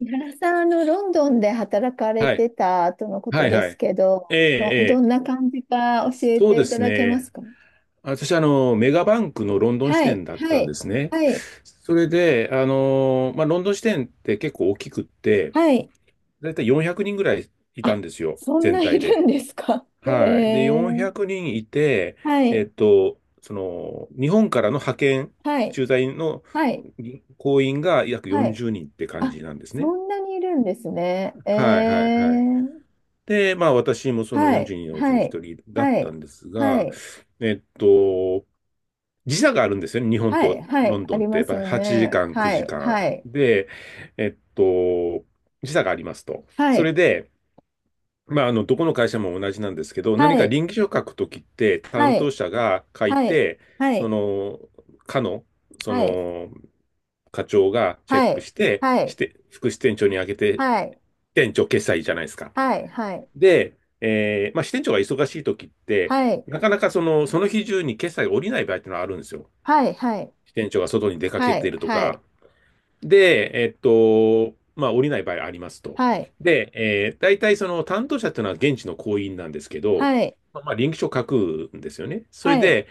井原さん、ロンドンで働かれはい。てたとのこはといではすい。けど、ええ、ど、えどえ。んな感じか教えそうてでいたすだけまね。すか？私、メガバンクのロンドン支はい、店だっはたんい、ですね。はい、それで、まあ、ロンドン支店って結構大きくって、はい。だいたい400人ぐらいいたんあ、ですよ、そんな全い体るんで。ですか？へはい。で、え。400人いて、はい、日本からの派遣、はい、駐在のはい、行員が約はい。40人って感あ、じなんですそね。んなにいるんですね。えはいはいはい。え、で、まあ私もそのはい、42のうちのはい、一人だっはたい、んですはが、い、えっと、時差があるんですよね、日本はい、とはロい、ンあドンっりて。まやっすぱよ8ね。時間、は9い、時間。はい、で、えっと、時差がありますと。はそれい、で、まあ、どこの会社も同じなんですけど、は何かい、稟議書書くときって、担は当い、者が書いはい、て、はそい。の、課の、そはい、の、課長がチェッはクい、して、はい、副支店長にあげて、支はい、店長決済じゃないですか。はい、はい、で、まあ、支店長が忙しいときって、はい、なかなかその日中に決済が下りない場合っていうのはあるんですよ。はい、はい、支店長が外に出かけはていい、るとはか。で、まあ、降りない場合ありますと。い、で、大体その担当者っていうのは現地の行員なんですけど、はい、まあ臨機書書くんですよね。それはい、で、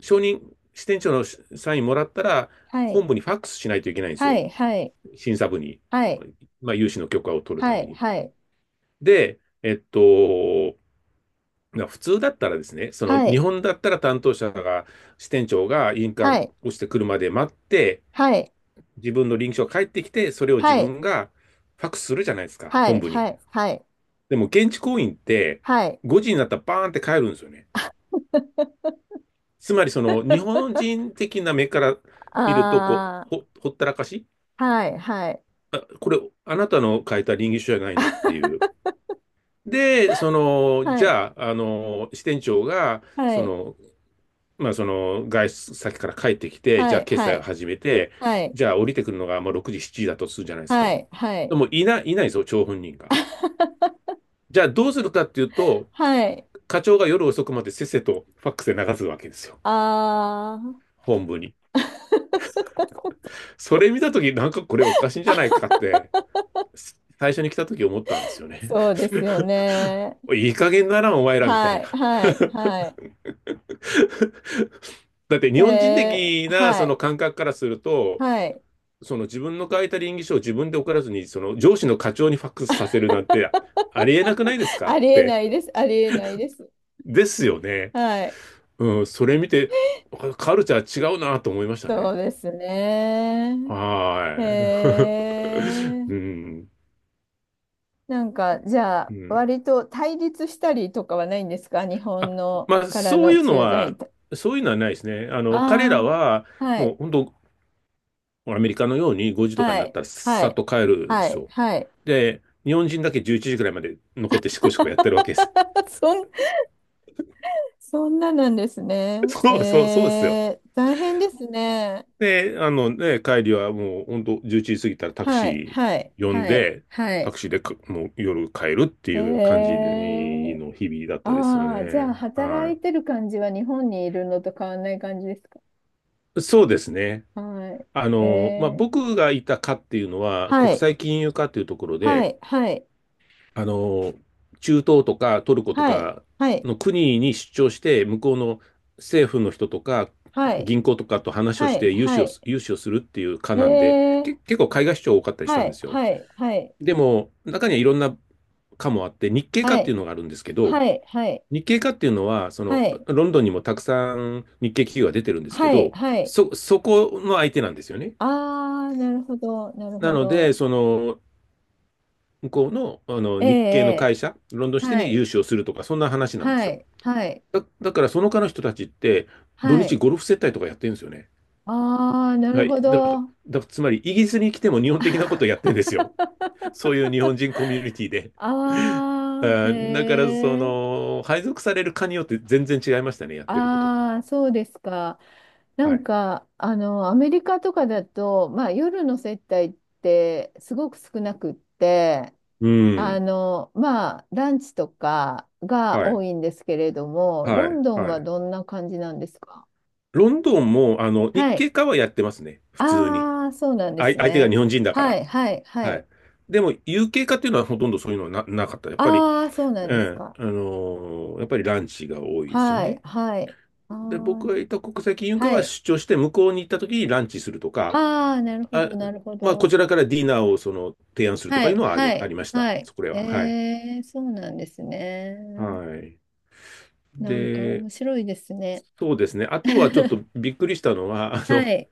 承認、支店長のサインもらったら、はい、本部にファックスしないといけないんですはよ。い、はい、審査部に。はい、まあ、融資の許可を取るたはめい、に。はで、普通だったらですね、その日い、本だったら担当者が、支店長が印は鑑い、をしてくるまで待って、はい、自分の臨書が返ってきて、それを自はい、分がファックスするじゃないですか、は本い、部はに。い、はい、でも現地行員って、はい、はい、5時になったらバーンって帰るんですよね。はい、つまりその日本人的な目から見ると、こう、あー、ほったらかし。はい、はい、あ、これ、あなたの書いた臨書じゃないのっていう。で、はじい、ゃあ、支店長が、はい、まあ、その外出先から帰ってきて、じはゃあい、決は済をい、始めて、はい、じゃあ降りてくるのがまあ6時、7時だとするじゃないですはか。い、はでい、もいないですよ、張本人が。じゃあどうするかっていうと、はい、課長が夜遅くまでせっせとファックスで流すわけですよ、あー、本部に。それ見たとき、なんかこれおかしいんじゃないかって、最初に来たとき思ったんですよね。そうですよね。いい加減だな、お前らみたはいな。い、はい、は だってい。日本人え的ー、なはそのい、感覚からすると、はい。その自分の書いた稟議書を自分で送らずに、その上司の課長にファックスさせるなんてありえなくないです かっありえて。ないです。ありえないです。ですよね。はい。うん、それ見て、カルチャー違うなと思いましたそね。うですね。はへーい。え。うん、なんか、じゃうあ、ん。割と対立したりとかはないんですか？日あ、本のまあ、からの駐在員と。そういうのはないですね。彼らあは、あ。はもうい。本当、アメリカのように5時とかにはなっい。たらはさっい。と帰るんではすい。よ。はい。で、日本人だけ11時くらいまで残ってシコシコやってるわけです。そん、そんななんですね。そうそう、そうですよ。えー、大変ですね。で、あのね、帰りはもう本当11時過ぎたらタクはい、シはい、ー呼んはい、で、はタい。クシーでかもう夜帰るってえいう感じー、の日々だったですよああ、じね。ゃあ、働はいてる感じは日本にいるのと変わんない感じですか？い。そうですね。はい。まあ、えー、僕がいた課っていうのはは国い、際金融課っていうところはで、い、はい、あの、中東とかトルコとはい、かはい、の国に出張して、向こうの政府の人とかはい、銀行とかと話をはしい、てはい。融資をするっていう課なんで、えー、結構海外出張多かったりしたはんでい、すよ。はい、はい、でも、中にはいろんな科もあって、日系科はっていい、うのがあるんですけど、はい、はい、日系科っていうのは、はい、ロンドンにもたくさん日系企業が出てるんですけはい、ど、はい。そこの相手なんですよね。ああ、なるほど、なるなほので、ど。向こうの、あのええ日系のえ会社、ロンドンえ支店はにい、融資をするとか、そんな話なんですはよ。い、はい、だから、その科の人たちって、土は日い。ゴルフ接待とかやってるんですよね。ああ、なるはい。ほだから、ど。あだからつまり、イギリスに来ても日本的なことをやってるんですよ。そういう日本人コミュニティで。あ、へあだから、え。配属される科によって全然違いましたね、やってることが。ああ、そうですか。なはんい。か、アメリカとかだと、まあ、夜の接待ってすごく少なくって、うん。まあ、ランチとかがは多い。いんですけれども、はロい。ンドンははい。どんな感じなんですか？ロンドンも、日はい。系科はやってますね、普通に。ああ、そうなんであい、す相手が日ね。本人だかはら。い、はい、ははい。い。でも、有形化っていうのはほとんどそういうのはなかった。やっぱり、ああ、そうなんうですん、か。やっぱりランチが多いですよはい、ね。はい。あで、あ、僕がいた国際金融科ははい。出張して、向こうに行った時にランチするとか、ああ、なるほあ、ど、なるほまあ、こど。ちらからディナーをその提案するとはかいうい、のははありい、ました。はい。そこれは。はい。えー、そうなんですね。はい。なんかで、面白いですね。そうですね。あとはちょっと びっくりしたのは、はい。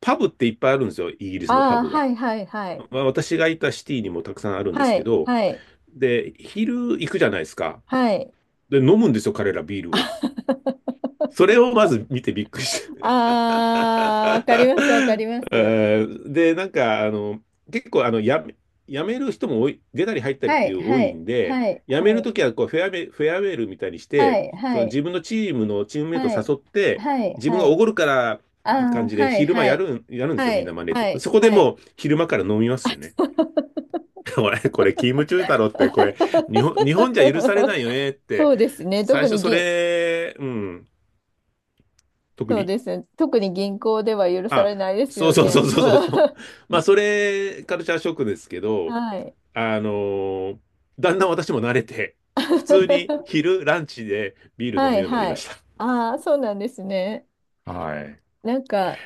パブっていっぱいあるんですよ。イギリスのパああ、ブが。はい、はい、はい。まあ、私がいたシティにもたくさんあるんですはけい、ど、はい、で、昼行くじゃないですか。はい。で、飲むんですよ、彼らビールを。それをまず見てびっくりし。 ああ、わかります、わかり ます。で、なんか、結構、やめる人も多い、出たり入ったりっはてい、いう多はいい、んで、はい、やめはるい。ときは、こう、フェアウェイルみたいにしはて、い、そはのい、自分のチームのチームメイトをはい、誘って、はい、自分はがおい。ごるからっあていう感あ、じで、はい、昼間はやい、るん、やるんですはよ、みんない、真似て。はい、そこではもい。う、昼間から飲みますよね。これ、勤務中だろって、これ、日本じゃ許されない よねっそて、うですね。最特初にそ銀、れ、うん、特そうにですね。特に銀行では許さあ、れないですそうよそうそね。うそうそうそう。まあ、それ、カルチャーショックですけど、はい。あのーだんだん私も慣れて、普通に 昼、ランチでビール飲はむい、ようになりはましい。ああ、そうなんですね。た。はい。なんか、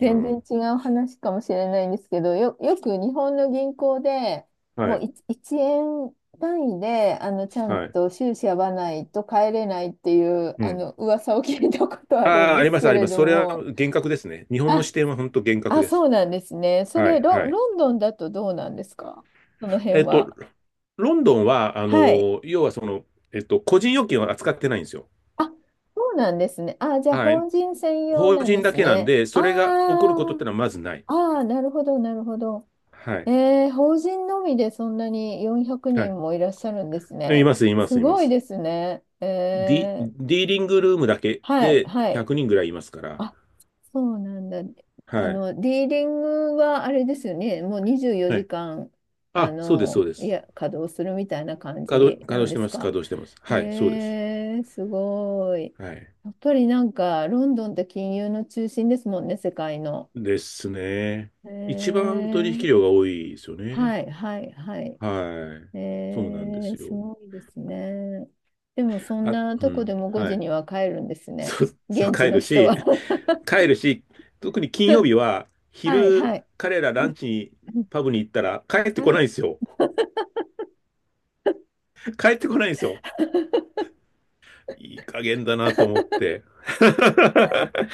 う然ん。違う話かもしれないんですけど、よく日本の銀行ではもうい。1、一円単位で、ちゃんはい。と収支合わないと帰れないっていう、うん。噂を聞いたことあるんああ、ですけありれます。どそれはも。厳格ですね。日本のあ、視点は本当厳格あ、です。そうなんですね。そはれ、い、ロ、はい。ロンドンだとどうなんですか？そのえ辺っと、は。ロンドンは、はい。要はその、個人預金は扱ってないんですよ。あ、そうなんですね。あ、じゃあ、はい。法人専用法なん人でだすけなんね。で、あそれが起こることってのはまずない。あ、ああ、なるほど、なるほど。はい。えー、法人のみでそんなに400は人い。もいらっしゃるんですいね。ます、いますす、いまごいす。ですね。えー、ディーリングルームだけはい、ではい。100人ぐらいいますから。あ、そうなんだ。はい。ディーリングはあれですよね。もう24は時い。間、あ、そうです、そうでいす。や、稼働するみたいな感じ稼なん働しでてすます、か。稼働してます。はい、そうです。えー、すごい。はい。やっぱりなんか、ロンドンって金融の中心ですもんね、世界の。ですね。え一番取ー、引量が多いですよね。はい、はい、はい。はい。そうなんでえー、すすよ。ごいですね。でもそんあ、なうとこん。でも5は時い。には帰るんです ね。そう、そう、現地帰のる人し、は。帰るし、特に金曜日は、はい昼、はい。彼らうラんンチに、うんパブに行ったら、帰ってこはないんい。ですよ。帰ってこないんですよ。いい加減だなと思って。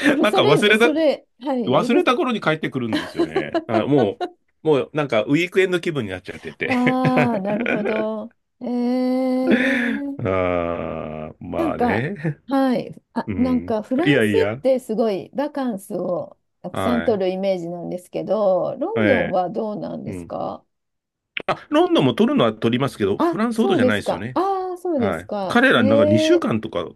許なんさかれ忘る、れた、それ、はい、忘許れす。た頃に帰ってくるんですよね。あ、もうなんかウィークエンド気分になっちゃってて。 ああ、なる ほど。えー、あー、なまんあか、ね。はい、あ、うなんん。かフラいンやスいっや。てすごいバカンスをたくさんは取い。るイメージなんですけど、えロンドンえ。はどうなんうですん。か？あ、ロンドンも取るのは取りますけど、あ、フランスほどそうじゃでないすですよか。ね。ああ、そうではすい。か。彼えらなんか2週ー間とか、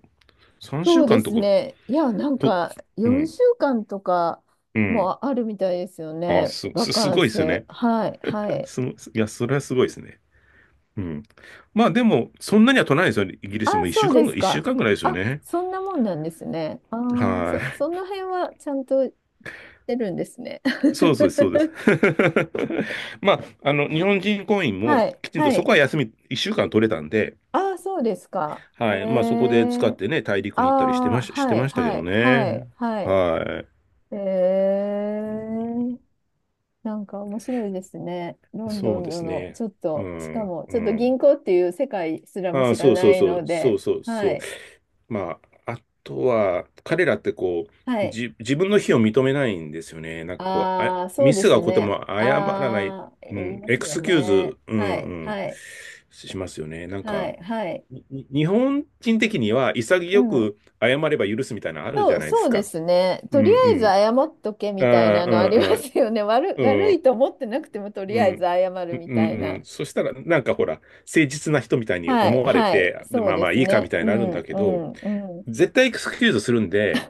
3そ週うで間とすか、ね。いや、なんと、かうん。4週間とかうん。もあるみたいですよあ、ね。バすカンごいですよス。ね。はい、はい。いや、それはすごいですね。うん。まあでも、そんなには取らないですよ。イギリスあ、もそうです一週か。間ぐらいですよあ、ね。そんなもんなんですね。ああ、はそ、そい。の辺はちゃんとしてるんですね。そうそうです、そうです。まあ、日本人婚姻もはい、きちんとはそこい。は休み、一週間取れたんで、ああ、そうですか。えはい。まあそこで使っー、てね、大あ陸に行ったりあ、してはい、ましたけはどい、はね。い、はい。はえい。ー。なんか面白いですね。ロンドそうンですのね。ちょっうと、しかん、もうちょっとん。銀行っていう世界すらもああ、知らそうそなういそう、のそうで、そうはそう。い。まあ、あとは、彼らってこはう、い。自分の非を認めないんですよね。なんかこう、あ、ああ、そミうでスがす起こってね。も謝らない、ああ、う言いん、まエすクよスキューね。ズ、うん、はうい、ん、はい、しますよね。なんはか、い、はい。日本人的にはう潔ん。く謝れば許すみたいなのあるじそゃう、ないでそすうでか。すね。うとりあえずん、謝っとけうん、みたいあなのありまあすよね。悪い、悪いと思ってなくてもとうりあえずん謝るうんうんみうんうたいんうんうん、な。そしたら、なんかほら、誠実な人みたいにはい、思われはい。て、そまうあでまあすいいかみね。たいうになるんん、だけうど、ん、うん。絶対エクスキューズするんで、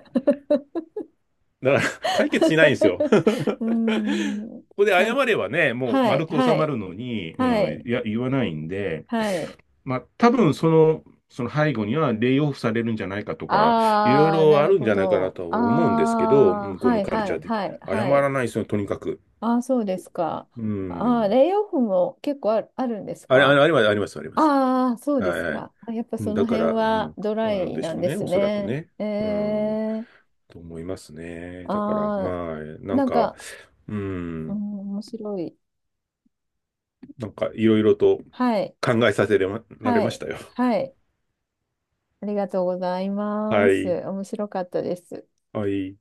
だから、解決しないんですよ。こ うーん。こでな謝ん、ればね、もうはい、丸く収はまい、るのに、うはん、い、いや、言わないんで、はい。まあ、多分その、その背後にはレイオフされるんじゃないかとか、いろいああ、ろなあるるんほじゃないかなど。とはあ思うんですけど、あ、向こうはのい、カルはチャーい、的。はい、謝はらい。ないですよ、とにかく。ああ、そうですか。うああ、ん。レイオフも結構あるんですあれ、あか？れ、あります、あります、あります。ああ、そうではい、すはい。か。あやっぱうそんのだか辺ら、うはん、ドラなんイでしなょんうでね、すおそらくね。ね。えうん、え、と思いますね。だから、あはい。あ、なんなんか、か、ううん、ん、面白い。なんかいろいろと、はい、考えさせられはましい、たよ。は い。ありがとうございまはす。い。面白かったです。はい。